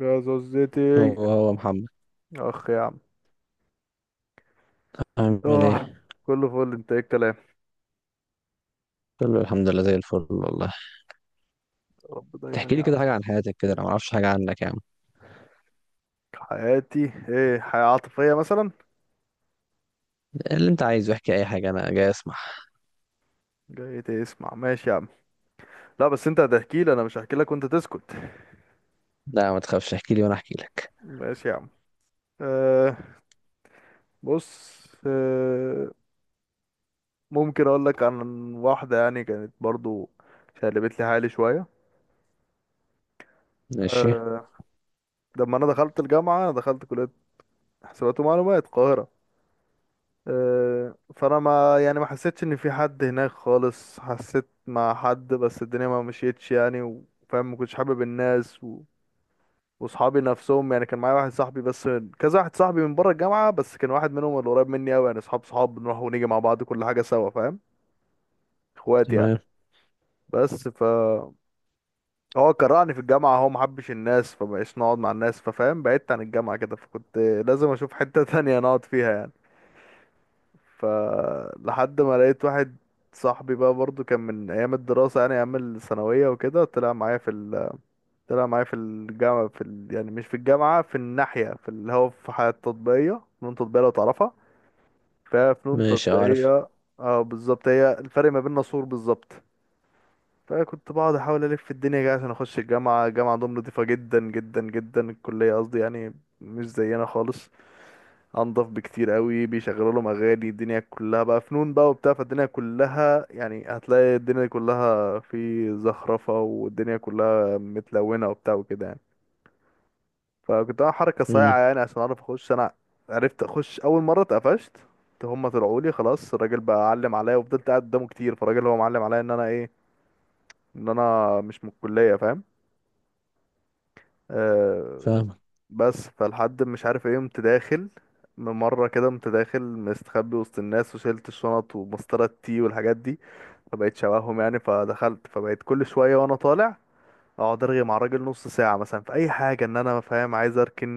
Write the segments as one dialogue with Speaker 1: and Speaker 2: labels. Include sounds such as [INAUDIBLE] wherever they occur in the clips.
Speaker 1: يا زوزتي.
Speaker 2: هو محمد.
Speaker 1: اخ يا عم.
Speaker 2: عامل ايه؟
Speaker 1: اه، كله فل. انت ايه الكلام؟
Speaker 2: كله الحمد لله زي الفل والله.
Speaker 1: يا رب دايما
Speaker 2: تحكي
Speaker 1: يا
Speaker 2: لي
Speaker 1: عم.
Speaker 2: كده حاجة عن حياتك كده، انا ما اعرفش حاجة عنك يا عم.
Speaker 1: حياتي ايه؟ حياة عاطفية مثلا؟
Speaker 2: اللي انت عايزه احكي اي حاجة، انا جاي اسمع.
Speaker 1: جاي تسمع؟ ماشي يا عم. لا بس انت هتحكي لي، انا مش هحكي لك وانت تسكت.
Speaker 2: لا ما تخافش، احكي لي وانا احكي لك.
Speaker 1: ماشي يا عم. أه بص. ممكن اقول لك عن واحدة يعني، كانت برضو شقلبت لي حالي شوية.
Speaker 2: ماشي.
Speaker 1: أه لما انا دخلت الجامعة، انا دخلت كلية حسابات ومعلومات القاهرة. فانا ما يعني ما حسيتش ان في حد هناك خالص، حسيت مع حد بس الدنيا ما مشيتش يعني، وفاهم، ما كنتش حابب الناس واصحابي نفسهم يعني. كان معايا واحد صاحبي بس، كذا واحد صاحبي من بره الجامعه، بس كان واحد منهم اللي قريب مني قوي يعني، اصحاب صحاب، بنروح ونيجي مع بعض كل حاجه سوا فاهم، اخوات يعني.
Speaker 2: تمام.
Speaker 1: بس ف هو كرهني في الجامعه، هو ما حبش الناس، فمبقاش نقعد مع الناس، ففاهم بعدت عن الجامعه كده، فكنت لازم اشوف حته [LAUGHS] تانية نقعد فيها يعني. فلحد ما لقيت واحد صاحبي بقى برضو، كان من ايام الدراسة يعني ايام الثانوية وكده. طلع معايا في طلع معايا في الجامعة في يعني مش في الجامعة، في الناحية، في اللي هو في حياة تطبيقية، فنون تطبيقية لو تعرفها. فهي فنون
Speaker 2: ماشي، عارف.
Speaker 1: تطبيقية. اه بالظبط، هي الفرق ما بيننا سور بالظبط. فكنت بقعد احاول الف في الدنيا كده عشان اخش الجامعة. الجامعة عندهم نضيفة جدا جدا جدا، الكلية قصدي يعني، مش زينا خالص، انضف بكتير قوي. بيشغلوا لهم اغاني، الدنيا كلها بقى فنون بقى وبتاع، فالدنيا كلها يعني هتلاقي الدنيا كلها في زخرفة والدنيا كلها متلونة وبتاع وكده يعني. فكنت عامل حركة صايعة
Speaker 2: امم.
Speaker 1: يعني عشان اعرف اخش انا. عرفت اخش. اول مرة اتقفشت، هما طلعوا لي خلاص، الراجل بقى علم عليا، وفضلت قاعد قدامه كتير، فالراجل هو معلم عليا ان انا ايه، ان انا مش من الكلية فاهم. آه،
Speaker 2: فاهمك.
Speaker 1: بس فالحد مش عارف ايه، قمت داخل مرة كده، قمت داخل مستخبي وسط الناس وشلت الشنط ومسطرة التي والحاجات دي، فبقيت شبههم يعني. فدخلت، فبقيت كل شوية وانا طالع اقعد ارغي مع الراجل نص ساعة مثلا في اي حاجة، ان انا فاهم عايز اركن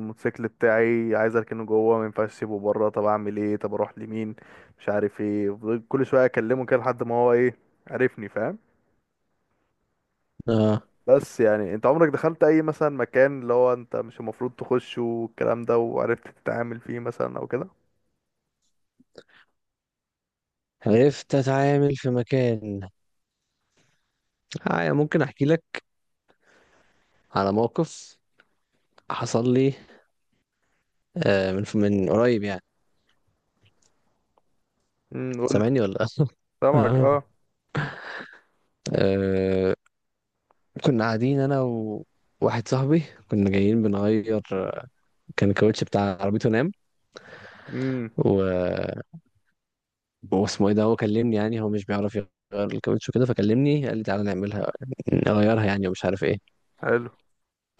Speaker 1: الموتوسيكل بتاعي، عايز اركنه جوه، ما ينفعش اسيبه بره، طب اعمل ايه، طب اروح لمين، مش عارف ايه. فضلت كل شوية اكلمه كده لحد ما هو ايه، عرفني فاهم.
Speaker 2: اه.
Speaker 1: بس يعني انت عمرك دخلت اي مثلا مكان اللي هو انت مش المفروض تخشه والكلام ده، وعرفت تتعامل فيه مثلا او كده؟
Speaker 2: عرفت اتعامل في مكان. آه، ممكن احكي لك على موقف حصل لي. من قريب يعني.
Speaker 1: قلت.
Speaker 2: سامعني ولا لا؟
Speaker 1: سامعك
Speaker 2: اه.
Speaker 1: اه.
Speaker 2: آه، كنا قاعدين انا وواحد صاحبي. كنا جايين بنغير، كان الكاوتش بتاع عربيته نام.
Speaker 1: امم
Speaker 2: و... واسمه ايه ده، هو كلمني يعني. هو مش بيعرف يغير الكاوتش وكده، فكلمني قال لي تعالى نعملها، نغيرها يعني، ومش عارف ايه.
Speaker 1: حلو.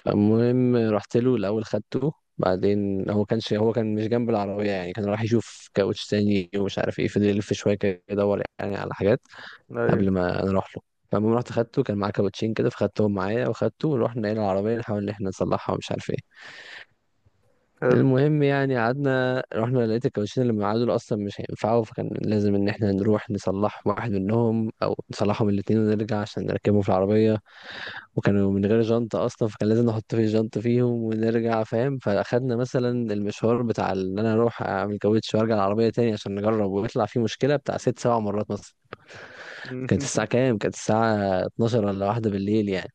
Speaker 2: فالمهم رحت له الاول، خدته. بعدين هو كان مش جنب العربية يعني. كان راح يشوف كاوتش تاني ومش عارف ايه، فضل يلف شوية كده يدور يعني على حاجات قبل
Speaker 1: ايوه.
Speaker 2: ما انا اروح له. فالمهم رحت خدته، كان معاه كاوتشين كده، فخدتهم معايا وخدته ورحنا الى العربية نحاول ان احنا نصلحها ومش عارف ايه.
Speaker 1: حلو.
Speaker 2: المهم يعني قعدنا، رحنا لقيت الكاوتشين اللي معاه دول اصلا مش هينفعوا، فكان لازم ان احنا نروح نصلح واحد منهم او نصلحهم الاتنين ونرجع عشان نركبهم في العربيه. وكانوا من غير جنطه اصلا، فكان لازم نحط في جنط فيهم ونرجع، فاهم. فاخدنا مثلا المشوار بتاع ان انا اروح اعمل كاوتش وارجع العربيه تاني عشان نجرب، ويطلع فيه مشكله، بتاع 6 7 مرات مثلا.
Speaker 1: مم.
Speaker 2: كانت الساعه كام؟ كانت الساعه 12 ولا واحدة بالليل يعني.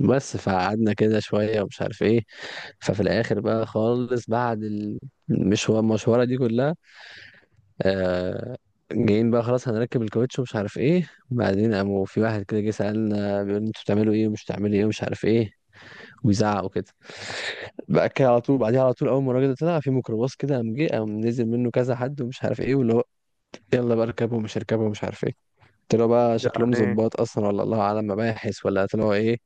Speaker 2: بس فقعدنا كده شوية ومش عارف ايه. ففي الآخر بقى خالص، بعد المشوارة دي كلها، آه جايين بقى خلاص هنركب الكاوتش ومش عارف ايه. بعدين قاموا في واحد كده جه سألنا، بيقول انتوا بتعملوا ايه ومش بتعملوا ايه ومش عارف ايه، ويزعق وكده. بقى كده على طول، بعديها على طول أول ما الراجل ده طلع في ميكروباص كده، قام جه، قام نزل منه كذا حد ومش عارف ايه، واللي هو يلا بقى اركبوا ومش اركبوا ومش عارف ايه. طلعوا بقى
Speaker 1: [LAUGHS] يعني
Speaker 2: شكلهم
Speaker 1: ايه؟
Speaker 2: ظباط اصلا، ولا الله اعلم مباحث، ولا طلعوا ايه.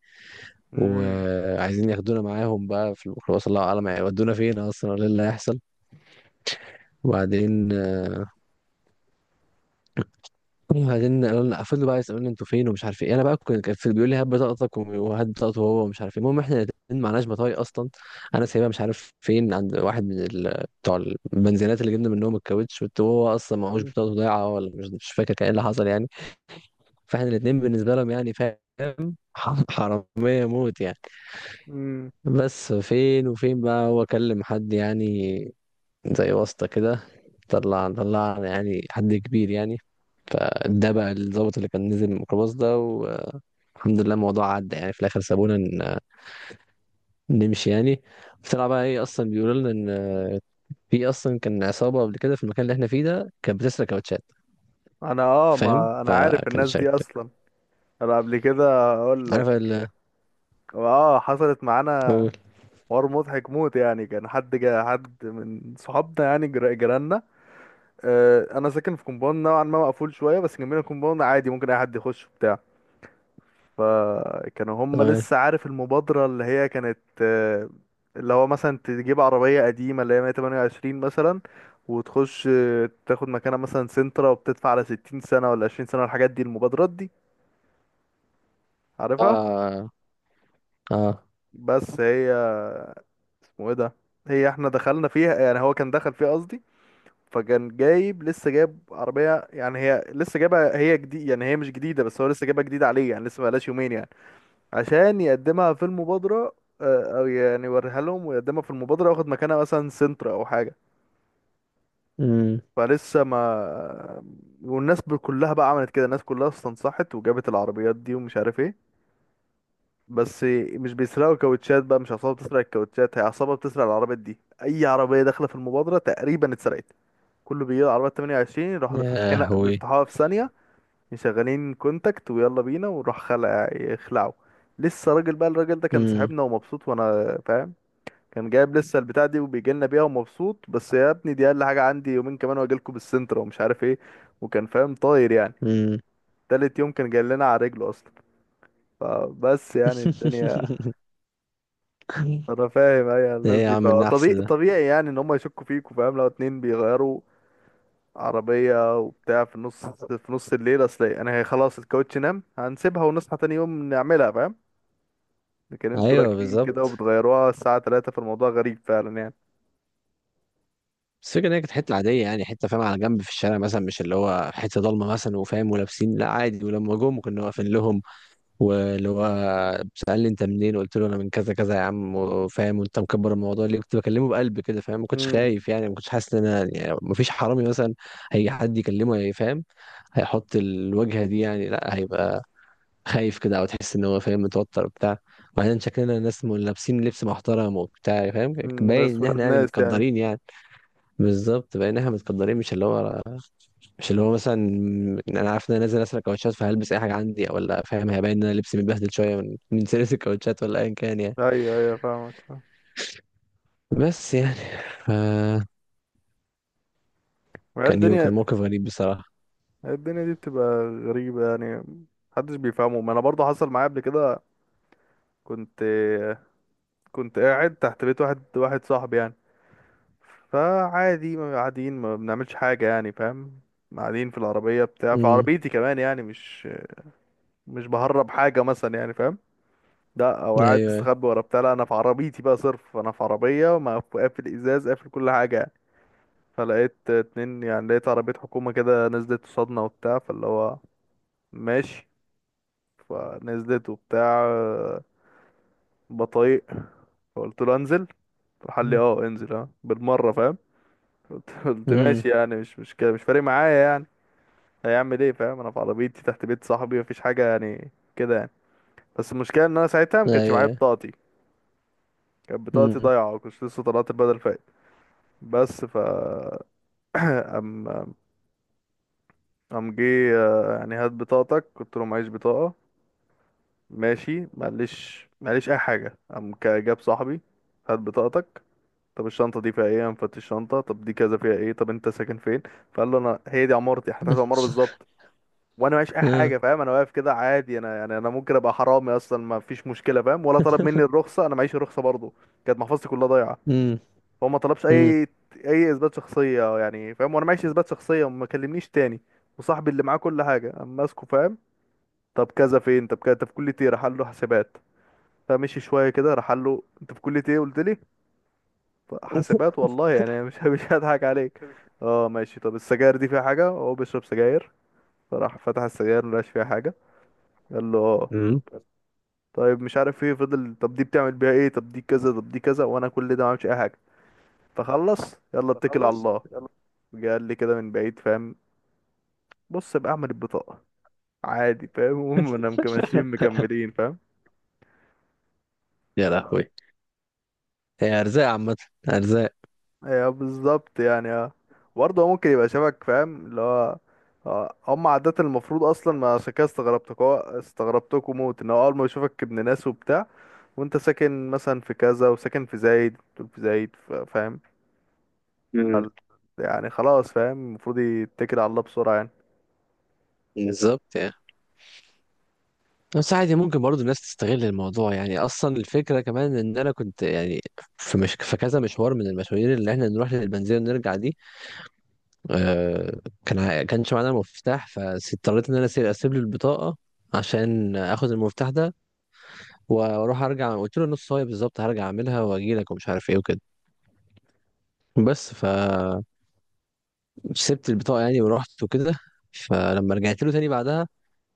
Speaker 1: امم
Speaker 2: وعايزين ياخدونا معاهم بقى في الميكروباص، الله اعلم هيودونا فين اصلا، ولا إيه اللي هيحصل. وبعدين، قالوا لنا، فضلوا بقى يسالوني انتوا فين ومش عارف ايه. انا بقى كنت بيقول لي هات بطاقتك، وهات بطاقته هو، ومش عارف ايه. المهم احنا الاتنين معناش بطايق اصلا. انا سايبها مش عارف فين عند واحد من بتوع البنزينات اللي جبنا منهم الكاوتش، وهو اصلا معهوش بطاقته، ضايعه ولا مش فاكر كان ايه اللي حصل يعني. فاحنا الاتنين بالنسبه لهم يعني، فاهم، حرامية موت يعني.
Speaker 1: امم
Speaker 2: بس فين وفين بقى، هو كلم حد يعني، زي واسطة كده، طلع يعني حد كبير يعني. فده بقى الضابط اللي كان نزل من الميكروباص ده. والحمد لله الموضوع عدى يعني، في الآخر سابونا نمشي يعني. طلع بقى ايه؟ أصلا بيقولوا لنا إن في، أصلا كان عصابة قبل كده في المكان اللي احنا فيه ده، كانت بتسرق كاوتشات،
Speaker 1: انا اه،
Speaker 2: فاهم.
Speaker 1: ما انا عارف
Speaker 2: فكان
Speaker 1: الناس دي
Speaker 2: شكل.
Speaker 1: اصلا. انا قبل كده اقول
Speaker 2: عارف
Speaker 1: لك،
Speaker 2: ال.
Speaker 1: اه حصلت معانا
Speaker 2: قول.
Speaker 1: حوار مضحك موت يعني. كان حد جا، حد من صحابنا يعني، جيراننا. انا ساكن في كومباوند نوعا ما مقفول شويه، بس جنبنا كومباوند عادي ممكن اي حد يخش بتاع. فكانوا هم
Speaker 2: تمام.
Speaker 1: لسه عارف المبادرة اللي هي كانت اللي هو مثلا تجيب عربية قديمة اللي هي 128 مثلا، وتخش تاخد مكانها مثلا سنترا وبتدفع على 60 سنة ولا 20 سنة والحاجات دي، المبادرات دي عارفها.
Speaker 2: اه. اه.
Speaker 1: بس هي اسمه ايه ده، هي احنا دخلنا فيها يعني، هو كان دخل فيها قصدي. فكان جايب لسه، جايب عربية يعني، هي لسه جايبها، هي جديد يعني، هي مش جديدة بس هو لسه جايبها جديدة عليه يعني، لسه بقالهاش يومين يعني، عشان يقدمها في المبادرة، او يعني يوريها لهم ويقدمها في المبادرة وياخد مكانها مثلا سنتر او حاجة.
Speaker 2: امم.
Speaker 1: فلسه ما، والناس كلها بقى عملت كده، الناس كلها استنصحت وجابت العربيات دي ومش عارف ايه. بس مش بيسرقوا كاوتشات بقى، مش عصابة بتسرق الكاوتشات، هي عصابة بتسرق العربيات دي. اي عربية داخلة في المبادرة تقريبا اتسرقت. كله بيجي العربية 28 يروحوا
Speaker 2: يا
Speaker 1: فاتحين،
Speaker 2: هوي.
Speaker 1: بيفتحوها في ثانية، مشغلين كونتاكت ويلا بينا ونروح خلع، يخلعوا. لسه راجل بقى، الراجل ده كان
Speaker 2: امم.
Speaker 1: صاحبنا ومبسوط وانا فاهم، كان جايب لسه البتاع دي وبيجي لنا بيها ومبسوط، بس يا ابني دي اقل حاجه عندي يومين كمان واجي لكم بالسنتر ومش عارف ايه، وكان فاهم طاير يعني.
Speaker 2: امم.
Speaker 1: تالت يوم كان جاي لنا على رجله اصلا. فبس يعني الدنيا،
Speaker 2: [LAUGHS]
Speaker 1: انا فاهم اي
Speaker 2: ايه
Speaker 1: الناس
Speaker 2: يا
Speaker 1: دي،
Speaker 2: عم النحس
Speaker 1: فطبيعي
Speaker 2: ده.
Speaker 1: طبيعي يعني ان هم يشكوا فيك، وفاهم لو اتنين بيغيروا عربيه وبتاع في النص، في نص الليل، اصل انا هي خلاص الكاوتش نام هنسيبها ونصحى تاني يوم نعملها فاهم، لكن انتوا
Speaker 2: ايوه،
Speaker 1: راكبين كده
Speaker 2: بالظبط.
Speaker 1: وبتغيروها الساعه 3، فالموضوع غريب فعلا يعني.
Speaker 2: بس الفكرة إن هي كانت حتة عادية يعني، حتة فاهم على جنب في الشارع مثلا، مش اللي هو حتة ضلمة مثلا وفاهم. ولابسين لا عادي، ولما جم كنا واقفين لهم. واللي هو سألني أنت منين، قلت له أنا من كذا كذا يا عم وفاهم، وأنت مكبر الموضوع ليه. كنت بكلمه بقلب كده، فاهم، ما كنتش
Speaker 1: امم
Speaker 2: خايف يعني، ما كنتش حاسس إن أنا، يعني ما فيش حرامي مثلا هيجي حد يكلمه هيفهم، هيحط الوجهة دي يعني. لا، هيبقى خايف كده، أو تحس إن هو فاهم متوتر وبتاع. وبعدين شكلنا ناس لابسين لبس محترم وبتاع فاهم، باين
Speaker 1: ناس
Speaker 2: إن
Speaker 1: ولاد
Speaker 2: إحنا يعني
Speaker 1: ناس يعني.
Speaker 2: متقدرين يعني. بالظبط، بقينا احنا متقدرين، مش اللي هو، مثلا انا عارف ان انا نازل اسرق كاوتشات فهلبس اي حاجه عندي او لا، فاهم، هيبان ان انا لبسي متبهدل شويه من [LAUGHS] من سيرة الكاوتشات ولا ايا كان يعني.
Speaker 1: ايوه ايوه فاهمك فاهم.
Speaker 2: بس يعني. ف
Speaker 1: هي الدنيا
Speaker 2: كان موقف غريب بصراحه.
Speaker 1: هي الدنيا دي بتبقى غريبة يعني، محدش بيفهمه. ما انا برضه حصل معايا قبل كده. كنت كنت قاعد تحت بيت واحد، واحد صاحبي يعني. فعادي ما قاعدين، ما بنعملش حاجة يعني فاهم، قاعدين في العربية بتاع، في
Speaker 2: امم.
Speaker 1: عربيتي كمان يعني. مش بهرب حاجة مثلا يعني فاهم، لا او قاعد
Speaker 2: ايوه.
Speaker 1: مستخبي ورا بتاع، لا انا في عربيتي بقى صرف، انا في عربية قافل ازاز، قافل كل حاجة يعني. فلقيت اتنين يعني، لقيت عربية حكومة كده نزلت قصادنا وبتاع، فاللي هو ماشي. فنزلت وبتاع، بطايق. فقلت له انزل، راح قال لي اه انزل اه بالمره فاهم. قلت
Speaker 2: امم.
Speaker 1: ماشي يعني، مش كده، مش فارق معايا يعني، هيعمل ايه فاهم، انا في عربيتي تحت بيت صاحبي، مفيش حاجه يعني كده يعني. بس المشكله ان انا ساعتها ما كانش معايا
Speaker 2: ايوه.
Speaker 1: بطاقتي، كانت بطاقتي
Speaker 2: امم.
Speaker 1: ضايعه وكنت لسه طلعت البدل فايت. بس ف ام ام جه يعني هات بطاقتك، قلت له معيش بطاقه. ماشي معلش معلش اي حاجه. قام جاب صاحبي، هات بطاقتك. طب الشنطة دي فيها ايه؟ أنا مفتش الشنطة. طب دي كذا فيها ايه؟ طب انت ساكن فين؟ فقال له انا هي دي عمارتي، احنا تحت العمارة بالظبط، وانا معيش اي
Speaker 2: امم.
Speaker 1: حاجة فاهم، انا واقف كده عادي، انا يعني انا ممكن ابقى حرامي اصلا، ما فيش مشكلة فاهم. ولا طلب مني الرخصة، انا معيش الرخصة برضه، كانت محفظتي كلها ضايعة.
Speaker 2: امم.
Speaker 1: فهو ما طلبش اي اثبات شخصية يعني فاهم، وانا معيش اثبات شخصية وما كلمنيش تاني، وصاحبي اللي معاه كل حاجة اما ماسكه فاهم. طب كذا فين، طب كذا، انت في كلية ايه؟ راح قال له حسابات. فمشي شوية كده، راح قال له انت في كلية ايه؟ قلت لي حاسبات والله يعني، مش [LAUGHS] مش هضحك عليك. اه ماشي. طب السجاير دي فيها حاجة؟ هو بيشرب سجاير. فراح فتح السجاير، ملقاش فيها حاجة. قال له اه،
Speaker 2: امم.
Speaker 1: طيب مش عارف ايه، فضل طب دي بتعمل بيها ايه، طب دي كذا، طب دي كذا، وانا كل ده ما عملتش اي حاجة. فخلص، يلا اتكل على
Speaker 2: تخلص.
Speaker 1: الله. جه قال لي كده من بعيد فاهم، بص بقى اعمل البطاقة عادي فاهم. [LAUGHS] هم انا ماشيين
Speaker 2: [LAUGHS]
Speaker 1: مكملين فاهم.
Speaker 2: يا لهوي. هي ارزاق عامه، ارزاق.
Speaker 1: ايوه بالظبط يعني اه. برضه هو ممكن يبقى شبك فاهم اللي هو، اه، هم عادة المفروض اصلا ما، عشان كده استغربتك، هو استغربتكوا موت ان هو اول ما يشوفك ابن ناس وبتاع، وانت ساكن مثلا في كذا وساكن في زايد، دول في زايد فاهم
Speaker 2: مم.
Speaker 1: فال- يعني خلاص فاهم المفروض يتكل على الله بسرعة يعني.
Speaker 2: بالظبط يعني. بس عادي ممكن برضو الناس تستغل الموضوع يعني. اصلا الفكره كمان ان انا كنت يعني في، مش في كذا مشوار من المشاوير اللي احنا نروح للبنزينه ونرجع دي، آه كان كانش معانا مفتاح، فاضطريت ان انا أسيب، له البطاقه عشان اخد المفتاح ده واروح ارجع. قلت له نص صايه بالظبط هرجع اعملها واجي لك، ومش عارف ايه وكده. بس فسبت البطاقه يعني ورحت وكده. فلما رجعت له تاني بعدها،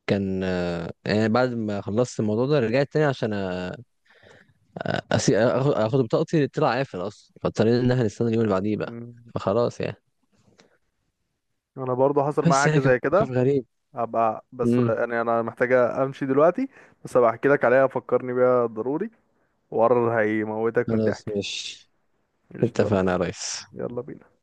Speaker 2: كان، يعني بعد ما خلصت الموضوع ده رجعت تاني عشان آخد بطاقتي، طلع قافل أصلا، فاضطرينا إن إحنا نستنى اليوم اللي بعديه بقى.
Speaker 1: مم.
Speaker 2: فخلاص يعني.
Speaker 1: انا برضه حصل معايا
Speaker 2: بس
Speaker 1: حاجة
Speaker 2: يعني كان
Speaker 1: زي كده.
Speaker 2: موقف غريب.
Speaker 1: هبقى بس،
Speaker 2: امم.
Speaker 1: يعني انا محتاجة امشي دلوقتي، بس هبقى احكي لك عليها، فكرني بيها ضروري، وقرر هيموتك من
Speaker 2: خلاص،
Speaker 1: الضحك.
Speaker 2: ماشي.
Speaker 1: قشطة يا
Speaker 2: اتفقنا يا
Speaker 1: ريس.
Speaker 2: ريس.
Speaker 1: يلا بينا.